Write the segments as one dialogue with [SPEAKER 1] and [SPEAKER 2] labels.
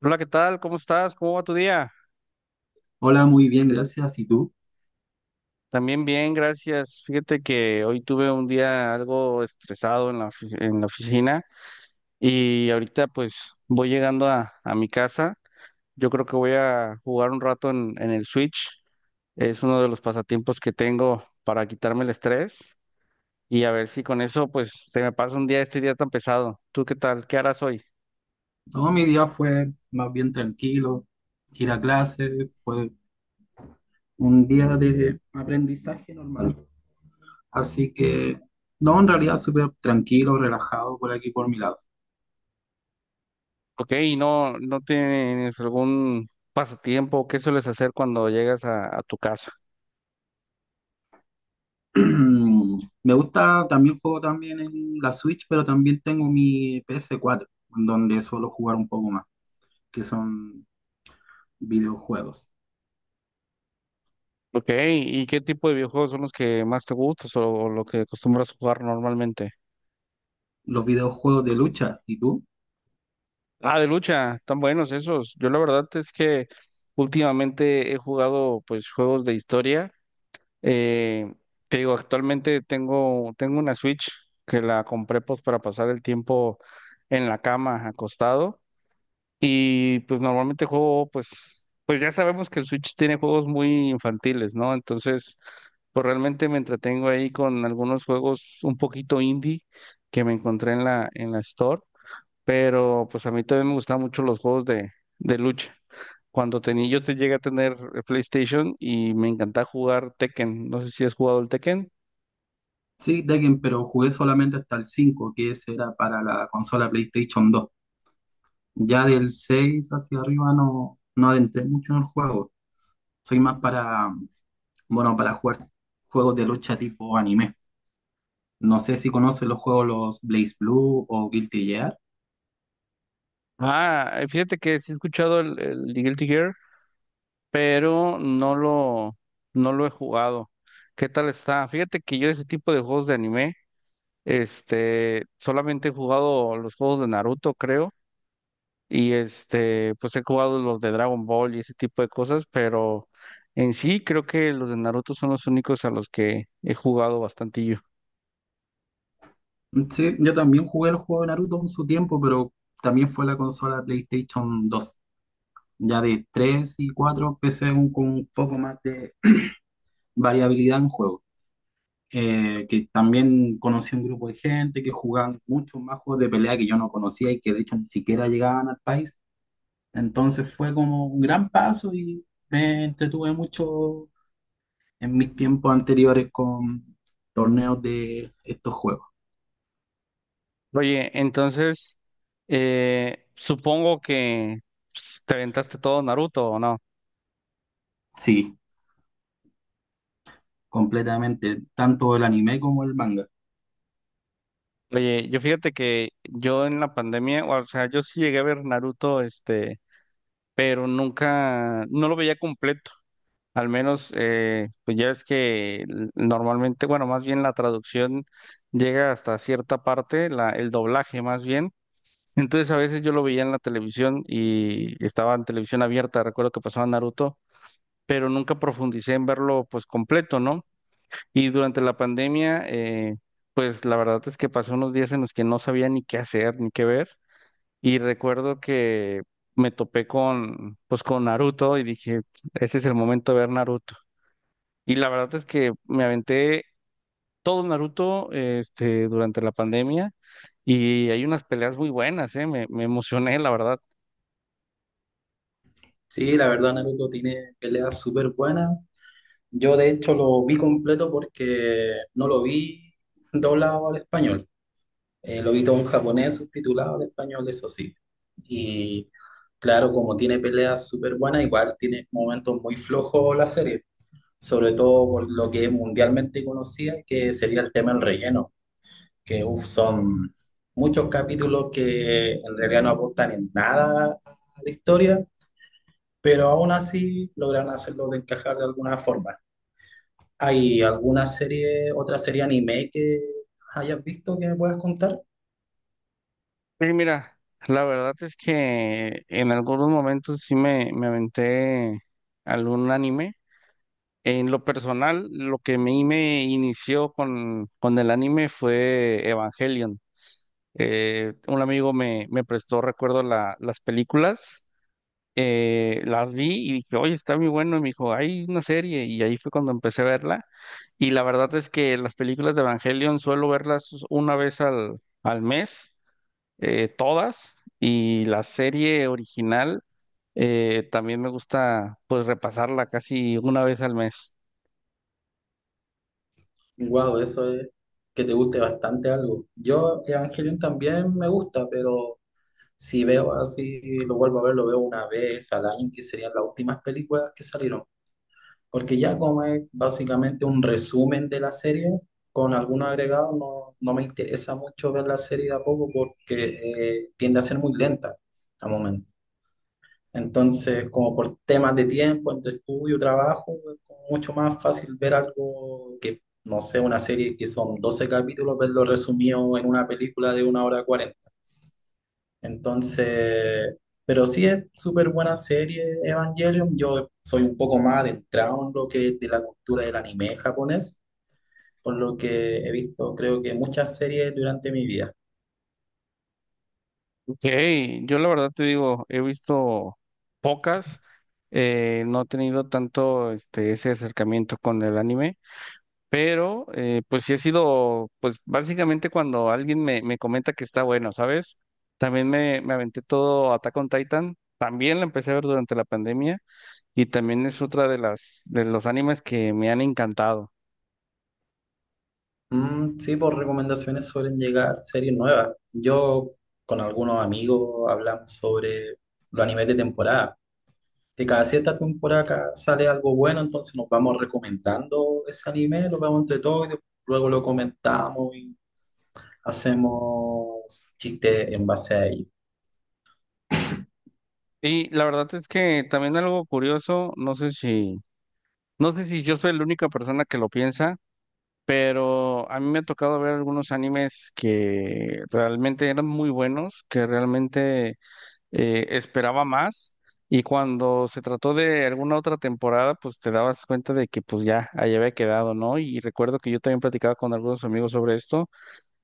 [SPEAKER 1] Hola, ¿qué tal? ¿Cómo estás? ¿Cómo va tu día?
[SPEAKER 2] Hola, muy bien, gracias. ¿Y tú?
[SPEAKER 1] También bien, gracias. Fíjate que hoy tuve un día algo estresado en la en la oficina y ahorita pues voy llegando a mi casa. Yo creo que voy a jugar un rato en el Switch. Es uno de los pasatiempos que tengo para quitarme el estrés y a ver si con eso pues se me pasa un día este día tan pesado. ¿Tú qué tal? ¿Qué harás hoy?
[SPEAKER 2] Todo mi día fue más bien tranquilo. Ir a clase fue un día de aprendizaje normal. Así que, no, en realidad súper tranquilo, relajado por aquí por mi lado.
[SPEAKER 1] Ok, ¿y no tienes algún pasatiempo? ¿Qué sueles hacer cuando llegas a tu casa?
[SPEAKER 2] Me gusta, también juego también en la Switch, pero también tengo mi PS4, en donde suelo jugar un poco más, que son videojuegos.
[SPEAKER 1] Ok, ¿y qué tipo de videojuegos son los que más te gustas o lo que acostumbras jugar normalmente?
[SPEAKER 2] Los videojuegos de lucha, ¿y tú?
[SPEAKER 1] Ah, de lucha, tan buenos esos. Yo la verdad es que últimamente he jugado pues juegos de historia. Eh, Te digo, actualmente tengo una Switch que la compré pues para pasar el tiempo en la cama acostado. Y pues normalmente juego, pues ya sabemos que el Switch tiene juegos muy infantiles, ¿no? Entonces, pues realmente me entretengo ahí con algunos juegos un poquito indie que me encontré en la Store, pero pues a mí también me gustaban mucho los juegos de lucha. Cuando tenía, yo te llegué a tener el PlayStation y me encantaba jugar Tekken. No sé si has jugado el Tekken.
[SPEAKER 2] Sí, Tekken, pero jugué solamente hasta el 5 que ese era para la consola PlayStation dos. Ya del 6 hacia arriba no, no adentré mucho en el juego. Soy más para, bueno, para jugar juegos de lucha tipo anime. No sé si conocen los juegos los Blaze Blue o Guilty Gear.
[SPEAKER 1] Ah, fíjate que sí he escuchado el Guilty Gear, pero no lo he jugado. ¿Qué tal está? Fíjate que yo ese tipo de juegos de anime, solamente he jugado los juegos de Naruto, creo, y pues he jugado los de Dragon Ball y ese tipo de cosas, pero en sí creo que los de Naruto son los únicos a los que he jugado bastantillo.
[SPEAKER 2] Sí, yo también jugué los juegos de Naruto en su tiempo, pero también fue la consola PlayStation dos. Ya de 3 y 4 empecé con un poco más de variabilidad en juegos. Que también conocí un grupo de gente que jugaban muchos más juegos de pelea que yo no conocía y que de hecho ni siquiera llegaban al país. Entonces fue como un gran paso y me entretuve mucho en mis tiempos anteriores con torneos de estos juegos.
[SPEAKER 1] Oye, entonces, supongo que pues, te aventaste todo Naruto, ¿o no?
[SPEAKER 2] Sí, completamente, tanto el anime como el manga.
[SPEAKER 1] Oye, yo fíjate que yo en la pandemia, o sea, yo sí llegué a ver Naruto, pero nunca, no lo veía completo. Al menos, pues ya es que normalmente, bueno, más bien la traducción llega hasta cierta parte, el doblaje más bien. Entonces a veces yo lo veía en la televisión y estaba en televisión abierta, recuerdo que pasaba Naruto, pero nunca profundicé en verlo pues completo, ¿no? Y durante la pandemia, pues la verdad es que pasé unos días en los que no sabía ni qué hacer, ni qué ver. Y recuerdo que me topé pues con Naruto y dije, ese es el momento de ver Naruto. Y la verdad es que me aventé todo Naruto, durante la pandemia y hay unas peleas muy buenas, me emocioné, la verdad.
[SPEAKER 2] Sí, la verdad Naruto tiene peleas súper buenas. Yo de hecho lo vi completo porque no lo vi doblado al español. Lo vi todo en japonés subtitulado al español, eso sí. Y claro, como tiene peleas súper buenas, igual tiene momentos muy flojos la serie, sobre todo por lo que es mundialmente conocida, que sería el tema del relleno, que uf, son muchos capítulos que en realidad no aportan en nada a la historia, pero aún así logran hacerlo de encajar de alguna forma. ¿Hay alguna serie, otra serie anime que hayas visto que me puedas contar?
[SPEAKER 1] Sí, mira, la verdad es que en algunos momentos sí me aventé algún anime. En lo personal, lo que a mí me inició con el anime fue Evangelion. Un amigo me prestó, recuerdo, las películas, las vi y dije, oye, está muy bueno, y me dijo, hay una serie, y ahí fue cuando empecé a verla. Y la verdad es que las películas de Evangelion suelo verlas una vez al mes, todas, y la serie original también me gusta pues repasarla casi una vez al mes.
[SPEAKER 2] Wow, eso es que te guste bastante algo. Yo, Evangelion también me gusta, pero si veo así, lo vuelvo a ver, lo veo una vez al año, que serían las últimas películas que salieron. Porque ya como es básicamente un resumen de la serie, con algún agregado, no, no me interesa mucho ver la serie de a poco porque tiende a ser muy lenta al momento. Entonces, como por temas de tiempo, entre estudio, trabajo, es como mucho más fácil ver algo que, no sé, una serie que son 12 capítulos, verlo resumido en una película de una hora cuarenta. Entonces, pero sí es súper buena serie Evangelion. Yo soy un poco más adentrado en lo que es de la cultura del anime japonés, por lo que he visto creo que muchas series durante mi vida.
[SPEAKER 1] Hey, yo la verdad te digo, he visto pocas, no he tenido tanto ese acercamiento con el anime, pero pues sí ha sido, pues básicamente cuando alguien me comenta que está bueno, ¿sabes? También me aventé todo Attack on Titan, también la empecé a ver durante la pandemia y también es otra de de los animes que me han encantado.
[SPEAKER 2] Mm, sí, por recomendaciones suelen llegar series nuevas. Yo con algunos amigos hablamos sobre los animes de temporada. Que cada cierta temporada acá sale algo bueno, entonces nos vamos recomendando ese anime, lo vemos entre todos y después luego lo comentamos, hacemos chistes en base a ello.
[SPEAKER 1] Y la verdad es que también algo curioso, no sé si yo soy la única persona que lo piensa. Pero a mí me ha tocado ver algunos animes que realmente eran muy buenos, que realmente esperaba más. Y cuando se trató de alguna otra temporada, pues te dabas cuenta de que pues ya ahí había quedado, ¿no? Y recuerdo que yo también platicaba con algunos amigos sobre esto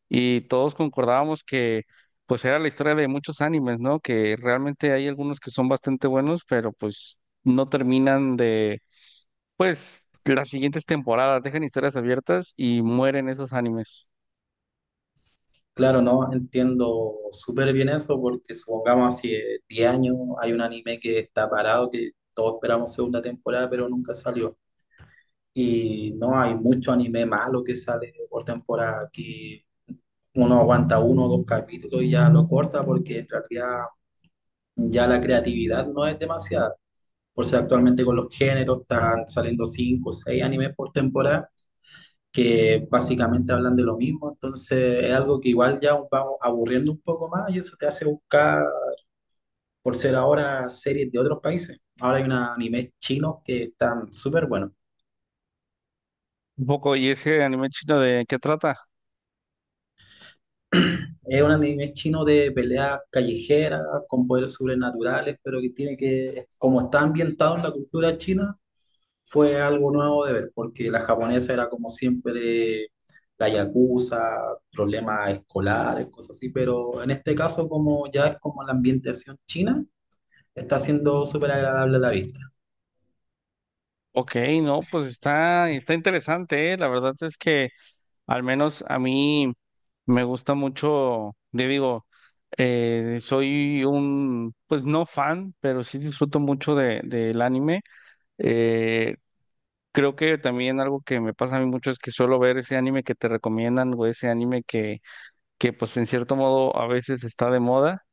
[SPEAKER 1] y todos concordábamos que pues era la historia de muchos animes, ¿no? Que realmente hay algunos que son bastante buenos, pero pues no terminan de las siguientes temporadas, dejan historias abiertas y mueren esos animes.
[SPEAKER 2] Claro, no entiendo súper bien eso porque supongamos hace 10 años hay un anime que está parado, que todos esperamos segunda temporada, pero nunca salió. Y no hay mucho anime malo que sale por temporada, que uno aguanta uno o dos capítulos y ya lo corta porque en realidad ya la creatividad no es demasiada. Por si actualmente con los géneros están saliendo cinco o seis animes por temporada que básicamente hablan de lo mismo, entonces es algo que igual ya vamos aburriendo un poco más y eso te hace buscar, por ser ahora, series de otros países. Ahora hay un anime chino que están súper buenos.
[SPEAKER 1] Un poco, ¿y ese anime chino de qué trata?
[SPEAKER 2] Es un anime chino de peleas callejeras con poderes sobrenaturales, pero que tiene que, como está ambientado en la cultura china, fue algo nuevo de ver, porque la japonesa era como siempre la yakuza, problemas escolares, cosas así, pero en este caso como ya es como la ambientación china, está siendo súper agradable a la vista.
[SPEAKER 1] Ok, no, pues está interesante, ¿eh? La verdad es que al menos a mí me gusta mucho, te digo, soy pues no fan, pero sí disfruto mucho del anime. Eh, creo que también algo que me pasa a mí mucho es que suelo ver ese anime que te recomiendan o ese anime que pues en cierto modo a veces está de moda.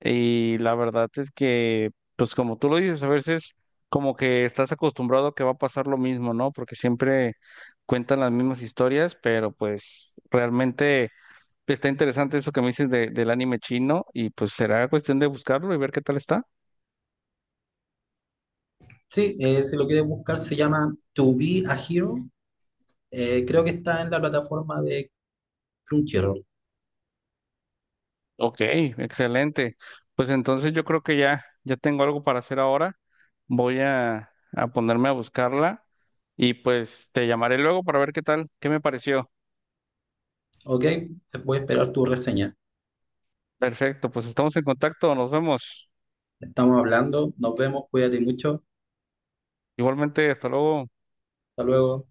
[SPEAKER 1] Y la verdad es que, pues como tú lo dices, a veces como que estás acostumbrado a que va a pasar lo mismo, ¿no? Porque siempre cuentan las mismas historias, pero pues realmente está interesante eso que me dices del anime chino y pues será cuestión de buscarlo y ver qué tal está.
[SPEAKER 2] Sí, si lo quieres buscar se llama To Be a Hero. Creo que está en la plataforma de Crunchyroll,
[SPEAKER 1] Ok, excelente. Pues entonces yo creo que ya tengo algo para hacer ahora. Voy a ponerme a buscarla y pues te llamaré luego para ver qué tal, qué me pareció.
[SPEAKER 2] ¿ok? Te voy a esperar tu reseña.
[SPEAKER 1] Perfecto, pues estamos en contacto, nos vemos.
[SPEAKER 2] Estamos hablando, nos vemos, cuídate mucho,
[SPEAKER 1] Igualmente, hasta luego.
[SPEAKER 2] hasta luego.